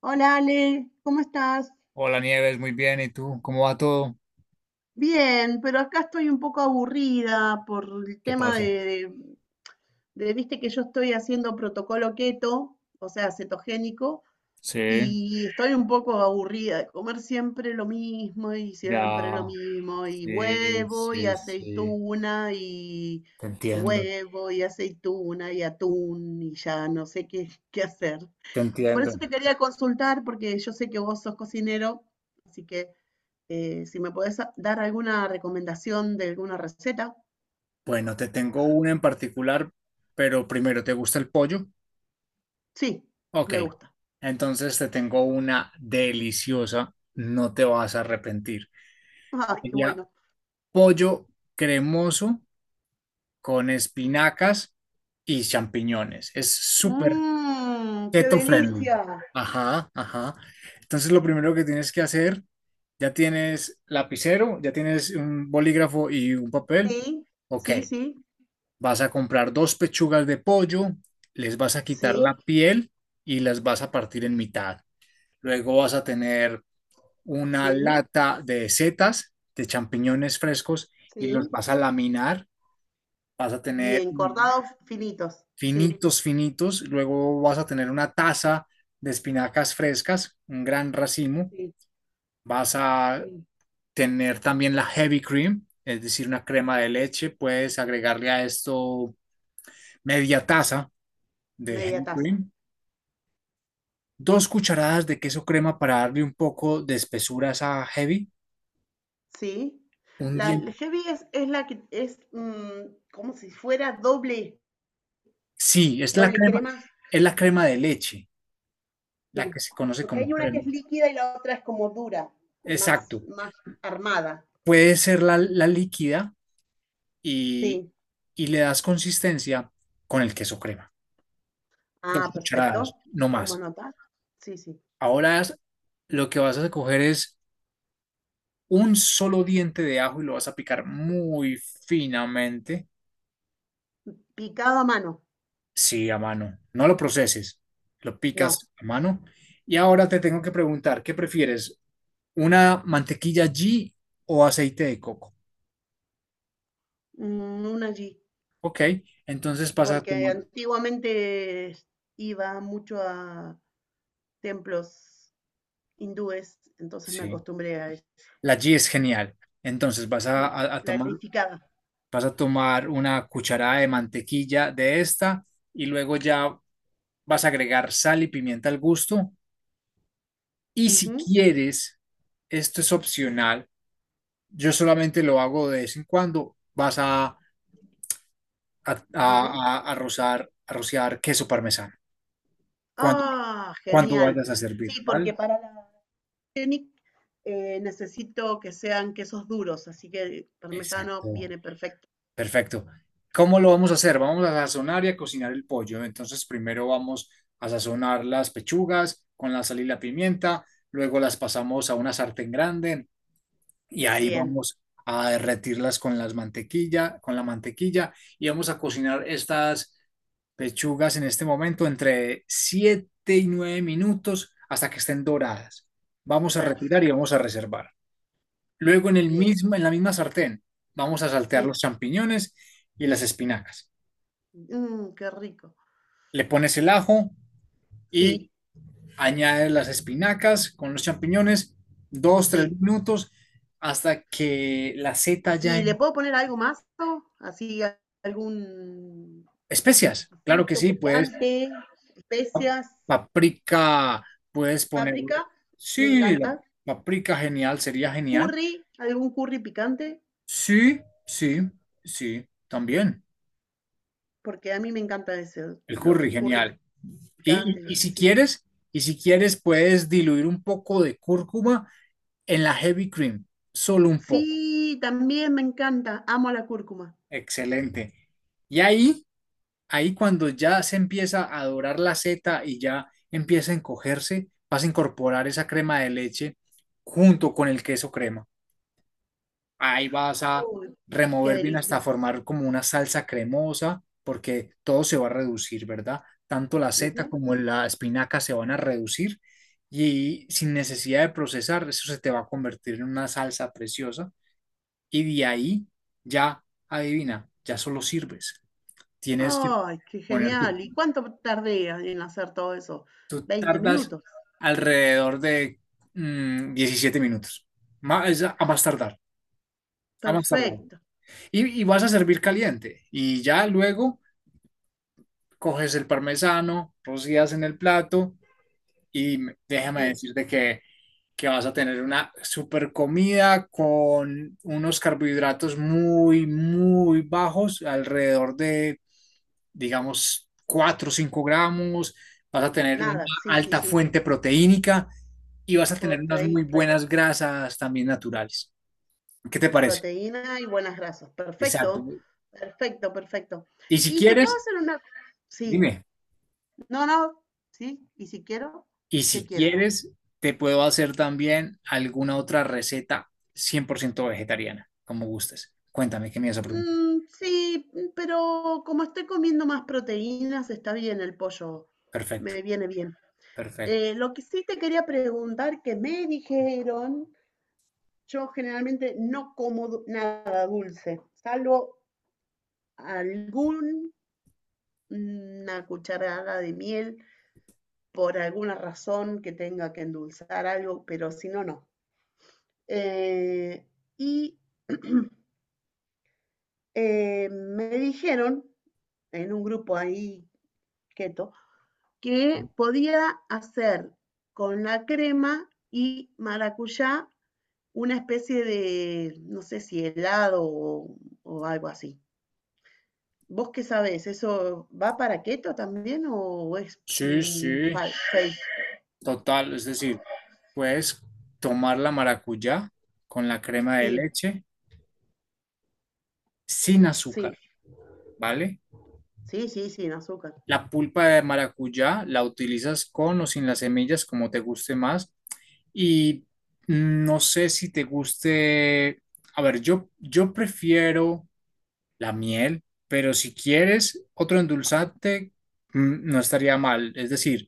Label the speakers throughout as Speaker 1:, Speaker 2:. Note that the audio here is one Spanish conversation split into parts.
Speaker 1: Hola Ale, ¿cómo estás?
Speaker 2: Hola Nieves, muy bien. ¿Y tú? ¿Cómo va todo?
Speaker 1: Bien, pero acá estoy un poco aburrida por el
Speaker 2: ¿Qué
Speaker 1: tema
Speaker 2: pasa?
Speaker 1: de viste que yo estoy haciendo protocolo keto, o sea, cetogénico,
Speaker 2: Sí,
Speaker 1: y estoy un poco aburrida de comer siempre lo mismo y siempre lo
Speaker 2: ya.
Speaker 1: mismo, y
Speaker 2: Sí,
Speaker 1: huevo y
Speaker 2: sí, sí.
Speaker 1: aceituna y
Speaker 2: Te entiendo,
Speaker 1: huevo y aceituna y atún y ya no sé qué hacer.
Speaker 2: te
Speaker 1: Por eso
Speaker 2: entiendo.
Speaker 1: te quería consultar, porque yo sé que vos sos cocinero, así que... Si me podés dar alguna recomendación de alguna receta.
Speaker 2: Bueno, te tengo una en particular, pero primero, ¿te gusta el pollo?
Speaker 1: Sí,
Speaker 2: Ok,
Speaker 1: me gusta.
Speaker 2: entonces te tengo una deliciosa, no te vas a arrepentir.
Speaker 1: Ay, qué
Speaker 2: Sería
Speaker 1: bueno.
Speaker 2: pollo cremoso con espinacas y champiñones. Es súper
Speaker 1: Mmm, qué
Speaker 2: keto friendly.
Speaker 1: delicia.
Speaker 2: Ajá, ajá. Entonces lo primero que tienes que hacer, ya tienes lapicero, ya tienes un bolígrafo y un papel.
Speaker 1: Sí,
Speaker 2: Ok,
Speaker 1: sí, sí,
Speaker 2: vas a comprar dos pechugas de pollo, les vas a quitar la
Speaker 1: sí,
Speaker 2: piel y las vas a partir en mitad. Luego vas a tener una
Speaker 1: sí,
Speaker 2: lata de setas, de champiñones frescos y los
Speaker 1: sí.
Speaker 2: vas a laminar. Vas a tener
Speaker 1: Bien, cortados finitos. Sí,
Speaker 2: finitos, finitos. Luego vas a tener una taza de espinacas frescas, un gran racimo.
Speaker 1: sí,
Speaker 2: Vas a
Speaker 1: sí.
Speaker 2: tener también la heavy cream, es decir, una crema de leche. Puedes agregarle a esto media taza de
Speaker 1: Media
Speaker 2: heavy
Speaker 1: taza.
Speaker 2: cream, dos cucharadas de queso crema para darle un poco de espesura a esa heavy,
Speaker 1: Sí.
Speaker 2: un
Speaker 1: La
Speaker 2: diente.
Speaker 1: el heavy es la que es mm, como si fuera doble,
Speaker 2: Sí,
Speaker 1: doble crema.
Speaker 2: es la crema de leche, la
Speaker 1: Sí.
Speaker 2: que se conoce
Speaker 1: Porque hay
Speaker 2: como
Speaker 1: una que
Speaker 2: crema.
Speaker 1: es líquida y la otra es como dura, más,
Speaker 2: Exacto.
Speaker 1: más armada.
Speaker 2: Puede ser la líquida, y,
Speaker 1: Sí.
Speaker 2: y le das consistencia con el queso crema. Dos
Speaker 1: Ah, perfecto.
Speaker 2: cucharadas, no
Speaker 1: Tomo
Speaker 2: más.
Speaker 1: nota. Sí, sí.
Speaker 2: Ahora lo que vas a coger es un solo diente de ajo y lo vas a picar muy finamente.
Speaker 1: Picado a mano.
Speaker 2: Sí, a mano. No lo proceses, lo
Speaker 1: No,
Speaker 2: picas a mano. Y ahora te tengo que preguntar, ¿qué prefieres? ¿Una mantequilla ghee o aceite de coco?
Speaker 1: mm, un allí.
Speaker 2: Ok, entonces vas a
Speaker 1: Porque
Speaker 2: tomar.
Speaker 1: antiguamente iba mucho a templos hindúes, entonces me
Speaker 2: Sí,
Speaker 1: acostumbré a eso.
Speaker 2: la ghee es genial. Entonces
Speaker 1: Sí, clarificada.
Speaker 2: vas a tomar una cucharada de mantequilla de esta y luego ya vas a agregar sal y pimienta al gusto. Y si
Speaker 1: Ujú.
Speaker 2: quieres, esto es opcional, yo solamente lo hago de vez en cuando, vas a, a, a,
Speaker 1: Dime.
Speaker 2: a- a rozar, a rociar queso parmesano cuando,
Speaker 1: Ah,
Speaker 2: cuando
Speaker 1: genial.
Speaker 2: vayas a servir,
Speaker 1: Sí,
Speaker 2: ¿vale?
Speaker 1: porque para la Scenic necesito que sean quesos duros, así que el parmesano
Speaker 2: Exacto.
Speaker 1: viene perfecto.
Speaker 2: Perfecto. ¿Cómo lo vamos a hacer?
Speaker 1: Sí,
Speaker 2: Vamos a sazonar y a cocinar el pollo. Entonces, primero vamos a sazonar las pechugas con la sal y la pimienta, luego las pasamos a una sartén grande y ahí
Speaker 1: bien,
Speaker 2: vamos a derretirlas con la mantequilla y vamos a cocinar estas pechugas en este momento entre 7 y 9 minutos hasta que estén doradas. Vamos a retirar y
Speaker 1: perfecto,
Speaker 2: vamos a reservar. Luego
Speaker 1: bien.
Speaker 2: en la misma sartén vamos a saltear los
Speaker 1: Sí,
Speaker 2: champiñones y las espinacas.
Speaker 1: mm, qué rico.
Speaker 2: Le pones el ajo
Speaker 1: Sí,
Speaker 2: y añades las espinacas con los champiñones, dos, tres
Speaker 1: sí.
Speaker 2: minutos hasta que la seta ya
Speaker 1: ¿Y le
Speaker 2: en
Speaker 1: puedo poner algo más? Así, algún
Speaker 2: especias. Claro que
Speaker 1: ajito
Speaker 2: sí, puedes
Speaker 1: picante, especias,
Speaker 2: paprika, puedes ponerle.
Speaker 1: páprica, me
Speaker 2: Sí, la
Speaker 1: encanta.
Speaker 2: paprika genial, sería genial.
Speaker 1: Curry, algún curry picante,
Speaker 2: Sí, sí, sí, también.
Speaker 1: porque a mí me encanta ese,
Speaker 2: El
Speaker 1: lo que
Speaker 2: curry
Speaker 1: es curry
Speaker 2: genial.
Speaker 1: picante,
Speaker 2: Y, y- y si
Speaker 1: sí.
Speaker 2: quieres, y si quieres, puedes diluir un poco de cúrcuma en la heavy cream, solo un poco.
Speaker 1: Sí, también me encanta, amo la cúrcuma.
Speaker 2: Excelente. Y ahí cuando ya se empieza a dorar la seta y ya empieza a encogerse, vas a incorporar esa crema de leche junto con el queso crema. Ahí vas a
Speaker 1: Uy, qué
Speaker 2: remover bien hasta
Speaker 1: delicia.
Speaker 2: formar como una salsa cremosa, porque todo se va a reducir, ¿verdad? Tanto la seta
Speaker 1: Ujú.
Speaker 2: como la espinaca se van a reducir y sin necesidad de procesar, eso se te va a convertir en una salsa preciosa y de ahí ya, adivina, ya solo sirves. Tienes que
Speaker 1: Ay, qué
Speaker 2: poner tu,
Speaker 1: genial. ¿Y cuánto tardé en hacer todo eso?
Speaker 2: tú
Speaker 1: 20
Speaker 2: tardas
Speaker 1: minutos.
Speaker 2: alrededor de 17 minutos, más, a más tardar, a más tardar.
Speaker 1: Perfecto.
Speaker 2: Y vas a servir caliente. Y ya luego coges el parmesano, rocías en el plato déjame
Speaker 1: Sí.
Speaker 2: decirte que vas a tener una super comida con unos carbohidratos muy, muy bajos, alrededor de, digamos, 4 o 5 gramos. Vas a tener una
Speaker 1: Nada, sí, sí,
Speaker 2: alta
Speaker 1: sí.
Speaker 2: fuente proteínica y vas a tener unas muy
Speaker 1: protei- pre-
Speaker 2: buenas grasas también naturales. ¿Qué te parece?
Speaker 1: Proteína y buenas grasas.
Speaker 2: Exacto.
Speaker 1: Perfecto, perfecto, perfecto.
Speaker 2: Y si
Speaker 1: Y te puedo
Speaker 2: quieres,
Speaker 1: hacer una... Sí,
Speaker 2: dime.
Speaker 1: no, no, sí. Y si quiero,
Speaker 2: Y
Speaker 1: ¿qué
Speaker 2: si
Speaker 1: quiero?
Speaker 2: quieres, te puedo hacer también alguna otra receta 100% vegetariana, como gustes. Cuéntame, ¿qué me ibas a preguntar?
Speaker 1: Mm, sí, mm, pero como estoy comiendo más proteínas, está bien el pollo.
Speaker 2: Perfecto,
Speaker 1: Me viene bien.
Speaker 2: perfecto.
Speaker 1: Lo que sí te quería preguntar, que me dijeron, yo generalmente no como nada dulce, salvo algún 1 cucharada de miel por alguna razón que tenga que endulzar algo, pero si no, no. Eh, y me dijeron en un grupo ahí keto que podía hacer con la crema y maracuyá una especie no sé si helado o algo así. ¿Vos qué sabés? ¿Eso va para keto también o es
Speaker 2: Sí,
Speaker 1: mm,
Speaker 2: sí,
Speaker 1: fake?
Speaker 2: total. Es decir, puedes tomar la maracuyá con la crema de
Speaker 1: Sí,
Speaker 2: leche sin
Speaker 1: sí.
Speaker 2: azúcar, ¿vale?
Speaker 1: Sí, sí, sin azúcar.
Speaker 2: La pulpa de maracuyá la utilizas con o sin las semillas, como te guste más. Y no sé si te guste. A ver, yo prefiero la miel, pero si quieres otro endulzante, no estaría mal. Es decir,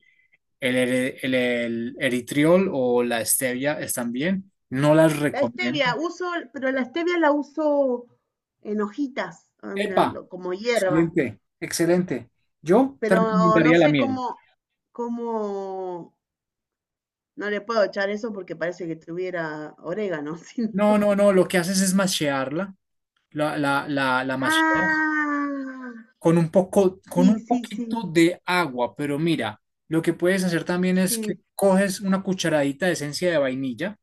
Speaker 2: el eritriol o la stevia están bien. No las
Speaker 1: La stevia,
Speaker 2: recomiendo.
Speaker 1: uso, pero la stevia la uso en hojitas,
Speaker 2: Epa,
Speaker 1: como hierba,
Speaker 2: excelente, excelente. Yo te
Speaker 1: pero no
Speaker 2: recomendaría la
Speaker 1: sé
Speaker 2: miel.
Speaker 1: cómo, no le puedo echar eso porque parece que tuviera orégano, sino-
Speaker 2: No, no, no, lo que haces es mashearla. La masheas
Speaker 1: Ah,
Speaker 2: con
Speaker 1: sí,
Speaker 2: un
Speaker 1: sí,
Speaker 2: poquito
Speaker 1: sí,
Speaker 2: de agua, pero mira, lo que puedes hacer también es que
Speaker 1: sí,
Speaker 2: coges una cucharadita de esencia de vainilla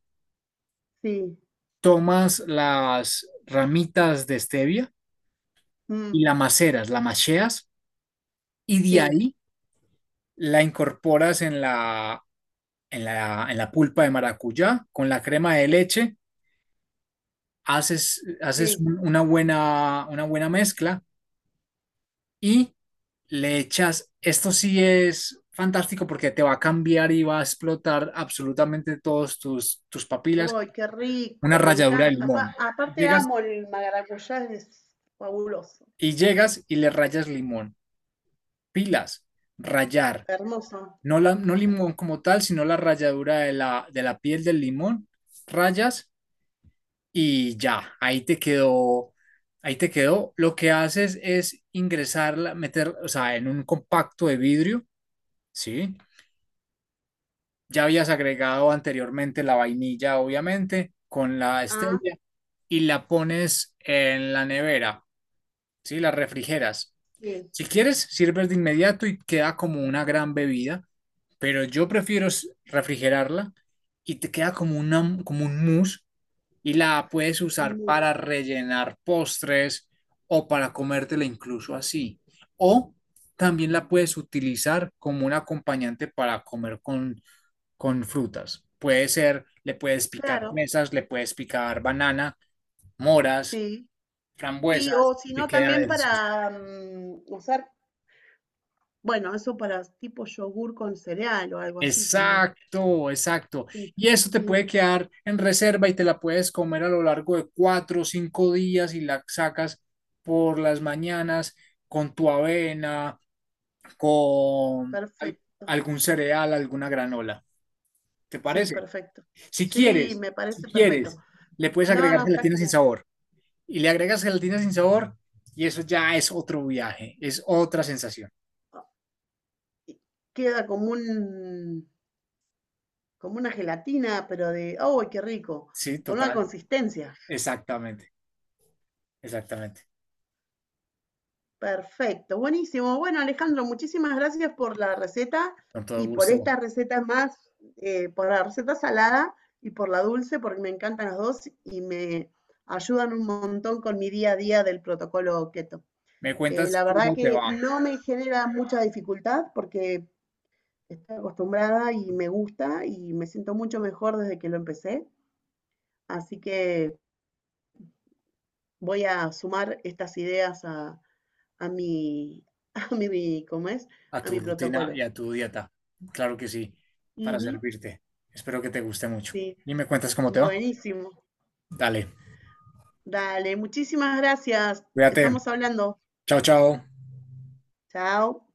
Speaker 1: sí,
Speaker 2: tomas las ramitas de stevia
Speaker 1: mm,
Speaker 2: y la macheas y de
Speaker 1: sí,
Speaker 2: ahí la incorporas en la pulpa de maracuyá con la crema de leche, haces
Speaker 1: sí.
Speaker 2: una buena mezcla y le echas, esto sí es fantástico porque te va a cambiar y va a explotar absolutamente todos tus papilas,
Speaker 1: ¡Ay, qué
Speaker 2: una
Speaker 1: rico! Me
Speaker 2: ralladura de
Speaker 1: encanta.
Speaker 2: limón.
Speaker 1: Aparte
Speaker 2: Llegas
Speaker 1: amo el maracuyá, es fabuloso,
Speaker 2: y llegas y le rayas limón, pilas, rayar
Speaker 1: hermoso.
Speaker 2: no, la, no limón como tal, sino la ralladura de la piel del limón, rayas y ya, ahí te quedó, ahí te quedó. Lo que haces es ingresarla, meter, o sea, en un compacto de vidrio, ¿sí? Ya habías agregado anteriormente la vainilla, obviamente, con la
Speaker 1: Ah,
Speaker 2: stevia y la pones en la nevera, ¿sí? La refrigeras.
Speaker 1: sí,
Speaker 2: Si quieres, sirves de inmediato y queda como una gran bebida, pero yo prefiero refrigerarla y te queda como un mousse y la puedes usar para
Speaker 1: hermoso.
Speaker 2: rellenar postres o para comértela incluso así. O también la puedes utilizar como un acompañante para comer con frutas. Puede ser, le puedes picar
Speaker 1: Claro,
Speaker 2: fresas, le puedes picar banana, moras,
Speaker 1: sí. Sí,
Speaker 2: frambuesas
Speaker 1: o si
Speaker 2: y te
Speaker 1: no,
Speaker 2: queda
Speaker 1: también
Speaker 2: delicioso.
Speaker 1: para mm, usar, bueno, eso para tipo yogur con cereal o algo así también.
Speaker 2: Exacto, exacto.
Speaker 1: Sí,
Speaker 2: Y eso te puede
Speaker 1: sí,
Speaker 2: quedar en reserva y te la puedes comer a lo largo de 4 o 5 días y la sacas por las mañanas con tu avena, con
Speaker 1: perfecto.
Speaker 2: algún cereal, alguna granola. ¿Te
Speaker 1: Sí,
Speaker 2: parece?
Speaker 1: perfecto.
Speaker 2: Si
Speaker 1: Sí,
Speaker 2: quieres,
Speaker 1: me
Speaker 2: si
Speaker 1: parece perfecto.
Speaker 2: quieres, le puedes
Speaker 1: No,
Speaker 2: agregar
Speaker 1: no, está
Speaker 2: gelatina sin
Speaker 1: genial.
Speaker 2: sabor. Y le agregas gelatina sin sabor y eso ya es otro viaje, es otra sensación.
Speaker 1: Ah, y queda como un, como una gelatina, pero de, ¡oh, qué rico!
Speaker 2: Sí,
Speaker 1: Con una
Speaker 2: total.
Speaker 1: consistencia.
Speaker 2: Exactamente, exactamente.
Speaker 1: Perfecto, buenísimo. Bueno, Alejandro, muchísimas gracias por la receta
Speaker 2: Con todo
Speaker 1: y por
Speaker 2: gusto.
Speaker 1: esta receta más, por la receta salada y por la dulce, porque me encantan las dos y me ayudan un montón con mi día a día del protocolo keto.
Speaker 2: Me
Speaker 1: Eh,
Speaker 2: cuentas
Speaker 1: la verdad
Speaker 2: cómo te
Speaker 1: que
Speaker 2: va
Speaker 1: no me genera mucha dificultad porque estoy acostumbrada y me gusta y me siento mucho mejor desde que lo empecé. Así que voy a sumar estas ideas a mi, a mi, ¿cómo es?
Speaker 2: a
Speaker 1: A
Speaker 2: tu
Speaker 1: mi
Speaker 2: rutina y
Speaker 1: protocolo.
Speaker 2: a tu dieta. Claro que sí, para
Speaker 1: Ujú,
Speaker 2: servirte. Espero que te guste mucho.
Speaker 1: sí,
Speaker 2: Y me cuentas cómo te va.
Speaker 1: buenísimo.
Speaker 2: Dale,
Speaker 1: Dale, muchísimas gracias.
Speaker 2: cuídate.
Speaker 1: Estamos hablando.
Speaker 2: Chao, chao.
Speaker 1: Chao.